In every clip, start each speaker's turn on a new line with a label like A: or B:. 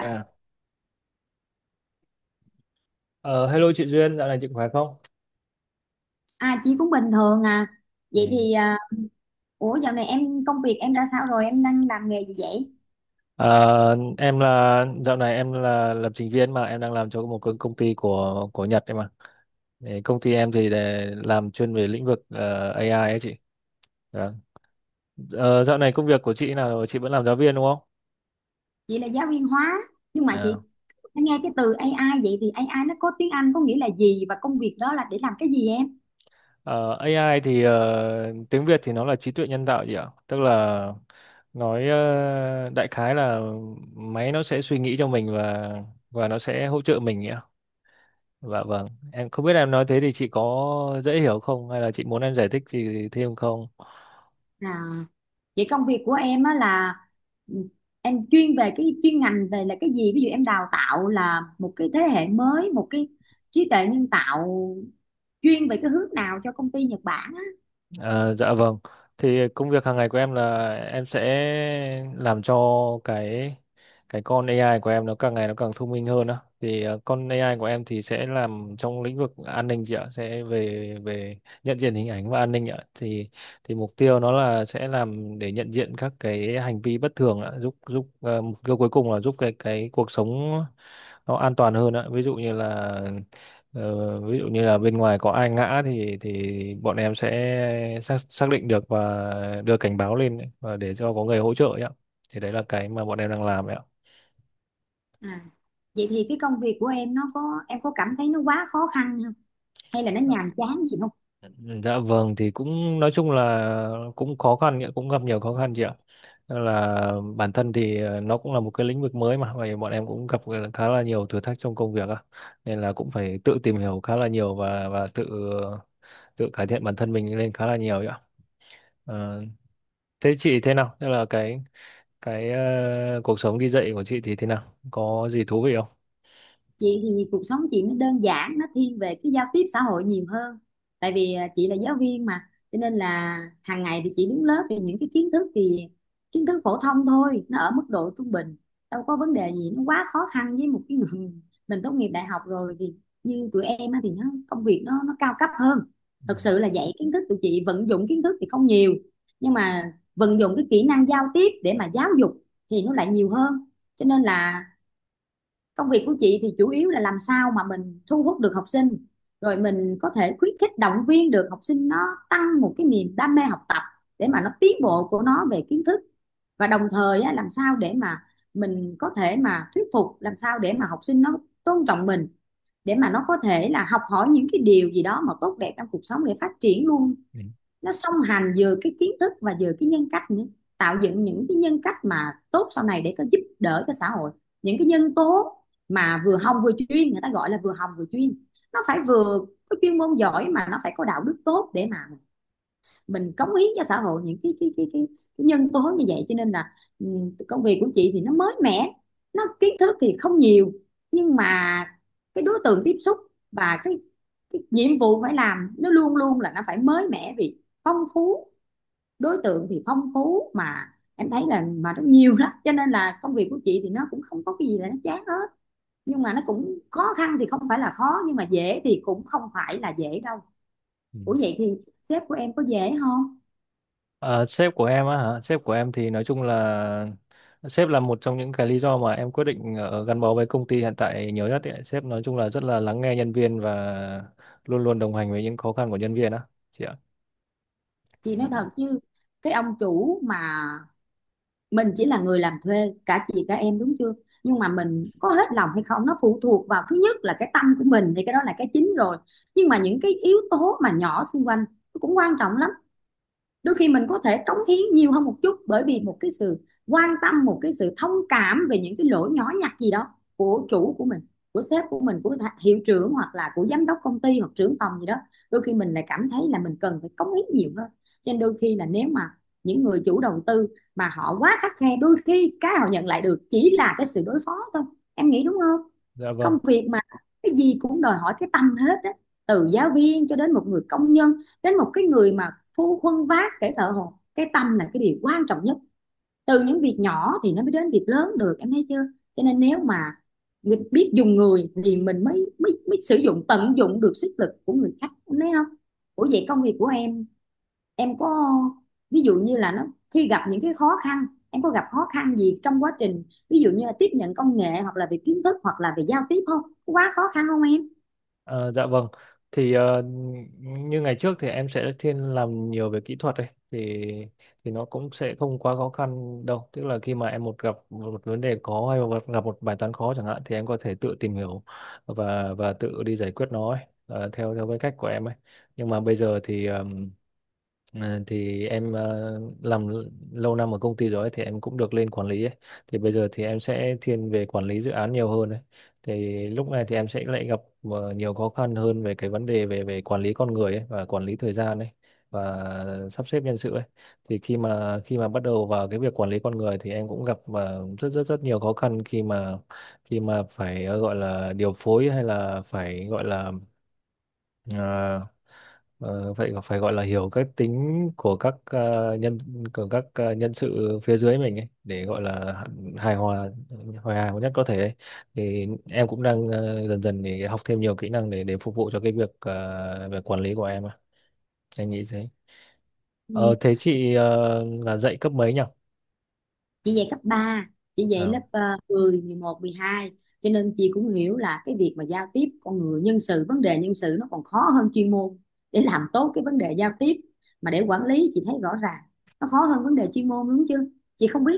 A: À, ờ, hello chị Duyên, dạo này chị khỏe không?
B: À, chị cũng bình thường à. Vậy
A: Ừ.
B: thì ủa, dạo này em công việc em ra sao rồi? Em đang làm nghề gì vậy?
A: Ờ, em dạo này em là lập trình viên mà em đang làm cho một công công ty của Nhật ấy mà. Đấy, công ty em thì để làm chuyên về lĩnh vực AI ấy chị. Dạ. Ờ, dạo này công việc của chị nào rồi? Chị vẫn làm giáo viên đúng không?
B: Chị là giáo viên hóa, nhưng mà chị
A: À.
B: nghe cái từ AI, vậy thì AI nó có tiếng Anh có nghĩa là gì và công việc đó là để làm cái gì em?
A: Ờ, AI thì tiếng Việt thì nó là trí tuệ nhân tạo gì ạ? Tức là nói đại khái là máy nó sẽ suy nghĩ cho mình và nó sẽ hỗ trợ mình nhỉ? Dạ vâng, em không biết em nói thế thì chị có dễ hiểu không hay là chị muốn em giải thích gì thêm không?
B: À, vậy công việc của em á là, ừ, em chuyên về cái chuyên ngành về là cái gì? Ví dụ em đào tạo là một cái thế hệ mới, một cái trí tuệ nhân tạo chuyên về cái hướng nào cho công ty Nhật Bản á.
A: Ờ, dạ vâng. Thì công việc hàng ngày của em là em sẽ làm cho cái cái con AI của em nó càng ngày nó càng thông minh hơn á. Thì con AI của em thì sẽ làm trong lĩnh vực an ninh chị ạ, sẽ về về nhận diện hình ảnh và an ninh ạ. Thì mục tiêu nó là sẽ làm để nhận diện các cái hành vi bất thường ạ, giúp giúp mục tiêu cuối cùng là giúp cái cuộc sống nó an toàn hơn ạ. Ví dụ như là Ờ, ví dụ như là bên ngoài có ai ngã thì bọn em sẽ xác xác định được và đưa cảnh báo lên ấy, và để cho có người hỗ trợ ấy ạ. Thì đấy là cái mà bọn em đang làm ấy ạ.
B: À, vậy thì cái công việc của em nó có, em có cảm thấy nó quá khó khăn không? Hay là nó nhàm chán gì không?
A: Dạ vâng, thì cũng nói chung là cũng khó khăn ấy, cũng gặp nhiều khó khăn chị ạ. Nên là bản thân thì nó cũng là một cái lĩnh vực mới mà và bọn em cũng gặp khá là nhiều thử thách trong công việc á. Nên là cũng phải tự tìm hiểu khá là nhiều và tự tự cải thiện bản thân mình lên khá là nhiều ấy ạ. Ờ, thế chị thế nào? Thế là cái cuộc sống đi dạy của chị thì thế nào, có gì thú vị không?
B: Chị thì cuộc sống chị nó đơn giản, nó thiên về cái giao tiếp xã hội nhiều hơn. Tại vì chị là giáo viên mà, cho nên là hàng ngày thì chị đứng lớp thì những cái kiến thức thì kiến thức phổ thông thôi, nó ở mức độ trung bình, đâu có vấn đề gì nó quá khó khăn với một cái người mình tốt nghiệp đại học rồi thì như tụi em á, thì nó công việc nó cao cấp hơn.
A: Ừ,
B: Thật sự là dạy kiến thức tụi chị vận dụng kiến thức thì không nhiều, nhưng mà vận dụng cái kỹ năng giao tiếp để mà giáo dục thì nó lại nhiều hơn. Cho nên là công việc của chị thì chủ yếu là làm sao mà mình thu hút được học sinh, rồi mình có thể khuyến khích động viên được học sinh nó tăng một cái niềm đam mê học tập để mà nó tiến bộ của nó về kiến thức. Và đồng thời á, làm sao để mà mình có thể mà thuyết phục làm sao để mà học sinh nó tôn trọng mình, để mà nó có thể là học hỏi những cái điều gì đó mà tốt đẹp trong cuộc sống để phát triển luôn,
A: ừ,
B: nó song hành vừa cái kiến thức và vừa cái nhân cách nữa, tạo dựng những cái nhân cách mà tốt sau này để có giúp đỡ cho xã hội, những cái nhân tố mà vừa hồng vừa chuyên, người ta gọi là vừa hồng vừa chuyên, nó phải vừa có chuyên môn giỏi mà nó phải có đạo đức tốt để mà mình cống hiến cho xã hội những cái nhân tố như vậy. Cho nên là ừ, công việc của chị thì nó mới mẻ, nó kiến thức thì không nhiều, nhưng mà cái đối tượng tiếp xúc và cái nhiệm vụ phải làm nó luôn luôn là nó phải mới mẻ vì phong phú. Đối tượng thì phong phú mà em thấy là mà nó nhiều lắm, cho nên là công việc của chị thì nó cũng không có cái gì là nó chán hết, nhưng mà nó cũng khó khăn thì không phải là khó nhưng mà dễ thì cũng không phải là dễ đâu.
A: ừ.
B: Ủa vậy thì sếp của em có dễ không?
A: À, sếp của em á hả? Sếp của em thì nói chung là sếp là một trong những cái lý do mà em quyết định gắn bó với công ty hiện tại nhiều nhất ấy. Sếp nói chung là rất là lắng nghe nhân viên và luôn luôn đồng hành với những khó khăn của nhân viên á chị ạ.
B: Chị nói
A: Ừ.
B: thật chứ, cái ông chủ mà mình chỉ là người làm thuê, cả chị cả em đúng chưa, nhưng mà mình có hết lòng hay không nó phụ thuộc vào thứ nhất là cái tâm của mình thì cái đó là cái chính rồi, nhưng mà những cái yếu tố mà nhỏ xung quanh nó cũng quan trọng lắm. Đôi khi mình có thể cống hiến nhiều hơn một chút bởi vì một cái sự quan tâm, một cái sự thông cảm về những cái lỗi nhỏ nhặt gì đó của chủ của mình, của sếp của mình, của hiệu trưởng hoặc là của giám đốc công ty hoặc trưởng phòng gì đó, đôi khi mình lại cảm thấy là mình cần phải cống hiến nhiều hơn. Cho nên đôi khi là nếu mà những người chủ đầu tư mà họ quá khắt khe, đôi khi cái họ nhận lại được chỉ là cái sự đối phó thôi, em nghĩ đúng không?
A: Dạ vâng.
B: Công việc mà cái gì cũng đòi hỏi cái tâm hết á, từ giáo viên cho đến một người công nhân, đến một cái người mà phu khuân vác, kẻ thợ hồ, cái tâm là cái điều quan trọng nhất, từ những việc nhỏ thì nó mới đến việc lớn được, em thấy chưa? Cho nên nếu mà biết dùng người thì mình mới mới mới sử dụng tận dụng được sức lực của người khác, em thấy không? Ủa vậy công việc của em có, ví dụ như là nó khi gặp những cái khó khăn, em có gặp khó khăn gì trong quá trình, ví dụ như là tiếp nhận công nghệ hoặc là về kiến thức hoặc là về giao tiếp, không quá khó khăn không em?
A: Ờ, dạ vâng. Thì ờ, Như ngày trước thì em sẽ thiên làm nhiều về kỹ thuật ấy, thì nó cũng sẽ không quá khó khăn đâu. Tức là khi mà em gặp một vấn đề khó hay gặp một bài toán khó chẳng hạn thì em có thể tự tìm hiểu và tự đi giải quyết nó ấy, theo theo cái cách của em ấy. Nhưng mà bây giờ thì em làm lâu năm ở công ty rồi ấy, thì em cũng được lên quản lý ấy. Thì bây giờ thì em sẽ thiên về quản lý dự án nhiều hơn ấy. Thì lúc này thì em sẽ lại gặp nhiều khó khăn hơn về cái vấn đề về về quản lý con người ấy và quản lý thời gian ấy và sắp xếp nhân sự ấy. Thì khi mà bắt đầu vào cái việc quản lý con người thì em cũng gặp rất rất rất nhiều khó khăn khi mà phải gọi là điều phối hay là phải gọi là ờ, vậy phải gọi là hiểu các tính của các ờ, nhân của các nhân sự phía dưới mình ấy, để gọi là hài hòa hài hòa nhất có thể ấy. Thì em cũng đang dần dần để học thêm nhiều kỹ năng để phục vụ cho cái việc về quản lý của em ạ. Em nghĩ thế. Ờ,
B: Ừ.
A: thế chị là dạy cấp mấy nhỉ?
B: Chị dạy cấp 3, chị dạy
A: À.
B: lớp 10, 11, 12, cho nên chị cũng hiểu là cái việc mà giao tiếp con người, nhân sự, vấn đề nhân sự nó còn khó hơn chuyên môn. Để làm tốt cái vấn đề giao tiếp mà để quản lý, chị thấy rõ ràng nó khó hơn vấn đề chuyên môn, đúng chưa? Chị không biết,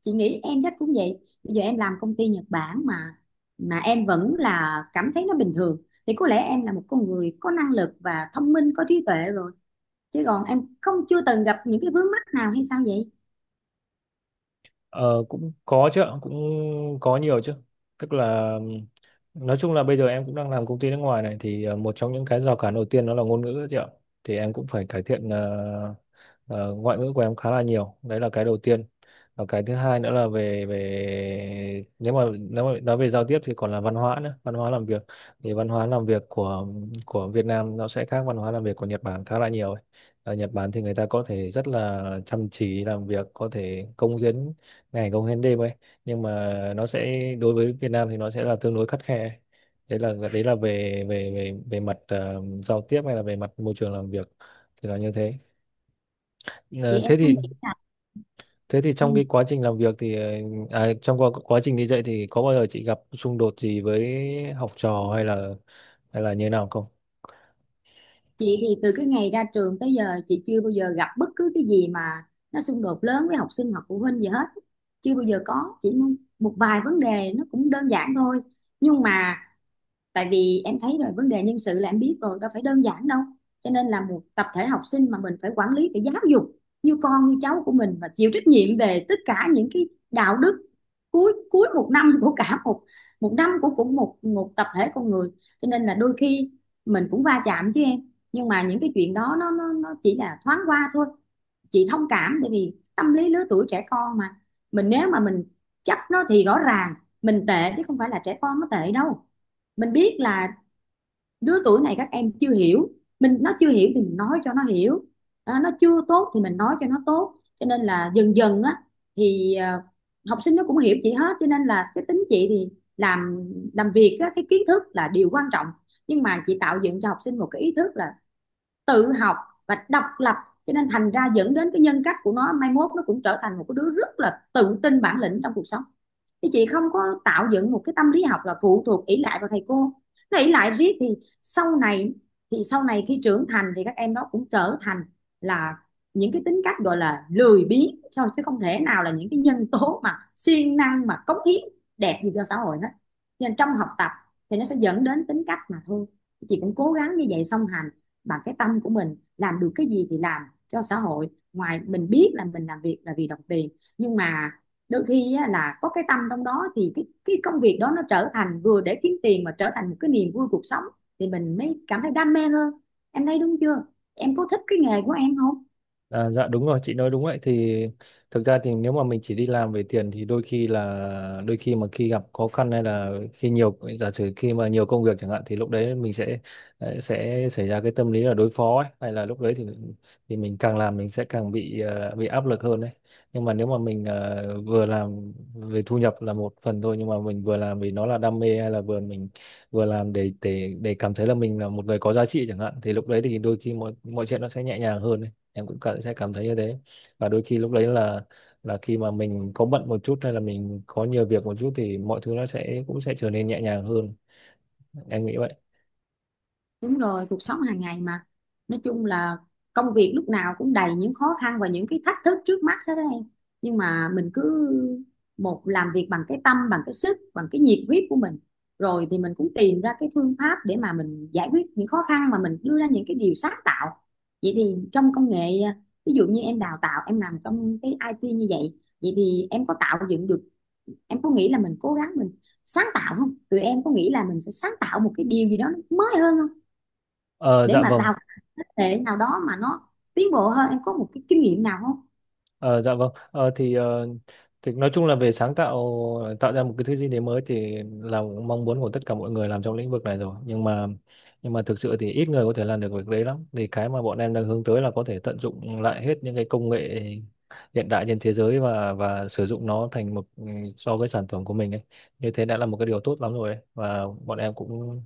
B: chị nghĩ em chắc cũng vậy, bây giờ em làm công ty Nhật Bản mà em vẫn là cảm thấy nó bình thường thì có lẽ em là một con người có năng lực và thông minh, có trí tuệ rồi, chứ còn em không chưa từng gặp những cái vướng mắc nào hay sao vậy?
A: Ờ, cũng có chứ ạ, cũng có nhiều chứ. Tức là nói chung là bây giờ em cũng đang làm công ty nước ngoài này thì một trong những cái rào cản đầu tiên đó là ngôn ngữ chứ ạ. Thì em cũng phải cải thiện ngoại ngữ của em khá là nhiều. Đấy là cái đầu tiên. Và cái thứ hai nữa là về về nếu mà nói về giao tiếp thì còn là văn hóa nữa, văn hóa làm việc. Thì văn hóa làm việc của Việt Nam nó sẽ khác văn hóa làm việc của Nhật Bản khá là nhiều ấy. Ở Nhật Bản thì người ta có thể rất là chăm chỉ làm việc, có thể cống hiến ngày công hiến đêm ấy, nhưng mà nó sẽ đối với Việt Nam thì nó sẽ là tương đối khắt khe. Đấy là về về về về mặt giao tiếp hay là về mặt môi trường làm việc thì là như thế.
B: Vậy
A: Ờ,
B: em
A: thế
B: không
A: thì
B: nghĩ là
A: Thế thì
B: ừ.
A: trong cái quá trình làm việc thì trong quá trình đi dạy thì có bao giờ chị gặp xung đột gì với học trò hay là như thế nào không?
B: Chị thì từ cái ngày ra trường tới giờ chị chưa bao giờ gặp bất cứ cái gì mà nó xung đột lớn với học sinh hoặc phụ huynh gì hết. Chưa bao giờ có, chỉ một vài vấn đề nó cũng đơn giản thôi. Nhưng mà tại vì em thấy rồi, vấn đề nhân sự là em biết rồi, đâu phải đơn giản đâu, cho nên là một tập thể học sinh mà mình phải quản lý, phải giáo dục như con như cháu của mình và chịu trách nhiệm về tất cả những cái đạo đức cuối cuối một năm của cả một, một năm của cũng một một tập thể con người, cho nên là đôi khi mình cũng va chạm chứ em, nhưng mà những cái chuyện đó nó chỉ là thoáng qua thôi. Chị thông cảm tại vì tâm lý lứa tuổi trẻ con mà, mình nếu mà mình chấp nó thì rõ ràng mình tệ chứ không phải là trẻ con nó tệ đâu. Mình biết là đứa tuổi này các em chưa hiểu mình, nó chưa hiểu thì mình nói cho nó hiểu, à, nó chưa tốt thì mình nói cho nó tốt. Cho nên là dần dần á thì học sinh nó cũng hiểu chị hết, cho nên là cái tính chị thì làm làm việc á, cái kiến thức là điều quan trọng, nhưng mà chị tạo dựng cho học sinh một cái ý thức là tự học và độc lập, cho nên thành ra dẫn đến cái nhân cách của nó mai mốt nó cũng trở thành một cái đứa rất là tự tin, bản lĩnh trong cuộc sống. Thì chị không có tạo dựng một cái tâm lý học là phụ thuộc ỷ lại vào thầy cô, nó ỷ lại riết thì sau này, thì sau này khi trưởng thành thì các em đó cũng trở thành là những cái tính cách gọi là lười biếng thôi, chứ không thể nào là những cái nhân tố mà siêng năng mà cống hiến đẹp gì cho xã hội hết. Nên trong học tập thì nó sẽ dẫn đến tính cách mà thôi. Chị cũng cố gắng như vậy, song hành bằng cái tâm của mình, làm được cái gì thì làm cho xã hội. Ngoài mình biết là mình làm việc là vì đồng tiền, nhưng mà đôi khi là có cái tâm trong đó thì cái công việc đó nó trở thành vừa để kiếm tiền mà trở thành một cái niềm vui cuộc sống, thì mình mới cảm thấy đam mê hơn, em thấy đúng chưa? Em có thích cái nghề của em không?
A: À, dạ đúng rồi, chị nói đúng. Vậy thì thực ra thì nếu mà mình chỉ đi làm về tiền thì đôi khi mà khi gặp khó khăn hay là khi nhiều giả sử khi mà nhiều công việc chẳng hạn thì lúc đấy mình sẽ sẽ xảy ra cái tâm lý là đối phó ấy. Hay là lúc đấy thì mình càng làm mình sẽ càng bị bị áp lực hơn đấy, nhưng mà nếu mà mình vừa làm về thu nhập là một phần thôi, nhưng mà mình vừa làm vì nó là đam mê hay là vừa làm để cảm thấy là mình là một người có giá trị chẳng hạn, thì lúc đấy thì đôi khi mọi mọi chuyện nó sẽ nhẹ nhàng hơn ấy. Em cũng sẽ cảm thấy như thế. Và đôi khi lúc đấy là khi mà mình có bận một chút hay là mình có nhiều việc một chút thì mọi thứ nó sẽ cũng sẽ trở nên nhẹ nhàng hơn. Em nghĩ vậy.
B: Đúng rồi, cuộc sống hàng ngày mà. Nói chung là công việc lúc nào cũng đầy những khó khăn và những cái thách thức trước mắt hết đấy em. Nhưng mà mình cứ một làm việc bằng cái tâm, bằng cái sức, bằng cái nhiệt huyết của mình. Rồi thì mình cũng tìm ra cái phương pháp để mà mình giải quyết những khó khăn, mà mình đưa ra những cái điều sáng tạo. Vậy thì trong công nghệ, ví dụ như em đào tạo, em làm trong cái IT như vậy, vậy thì em có tạo dựng được, em có nghĩ là mình cố gắng mình sáng tạo không? Tụi em có nghĩ là mình sẽ sáng tạo một cái điều gì đó nó mới hơn không?
A: Ờ,
B: Để
A: dạ
B: mà
A: vâng.
B: đào thế hệ nào đó mà nó tiến bộ hơn, em có một cái kinh nghiệm nào không?
A: Ờ, dạ vâng thì nói chung là về sáng tạo, tạo ra một cái thứ gì đấy mới thì là mong muốn của tất cả mọi người làm trong lĩnh vực này rồi, nhưng mà thực sự thì ít người có thể làm được việc đấy lắm. Thì cái mà bọn em đang hướng tới là có thể tận dụng lại hết những cái công nghệ hiện đại trên thế giới và sử dụng nó thành một so với sản phẩm của mình ấy, như thế đã là một cái điều tốt lắm rồi ấy. Và bọn em cũng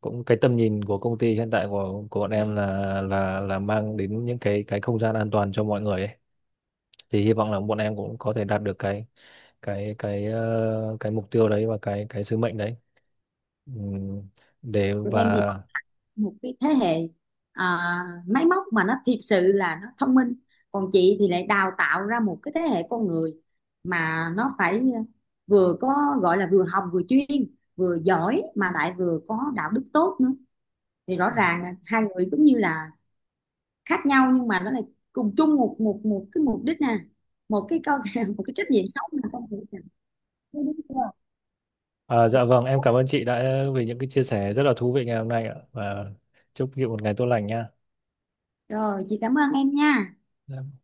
A: cũng cái tầm nhìn của công ty hiện tại của bọn em là mang đến những cái không gian an toàn cho mọi người ấy, thì hy vọng là bọn em cũng có thể đạt được cái mục tiêu đấy và cái sứ mệnh đấy. Ừm, để
B: Tụi em
A: và
B: thì một cái thế hệ, à, máy móc mà nó thiệt sự là nó thông minh, còn chị thì lại đào tạo ra một cái thế hệ con người mà nó phải vừa có gọi là vừa học vừa chuyên, vừa giỏi mà lại vừa có đạo đức tốt nữa. Thì rõ ràng là hai người cũng như là khác nhau nhưng mà nó lại cùng chung một một một cái mục đích nè, một cái câu một cái trách nhiệm sống là con người, đúng
A: à, dạ vâng em
B: chưa?
A: cảm ơn chị đã vì những cái chia sẻ rất là thú vị ngày hôm nay ạ, và chúc chị một ngày tốt lành nha.
B: Rồi, chị cảm ơn em nha.
A: Dạ.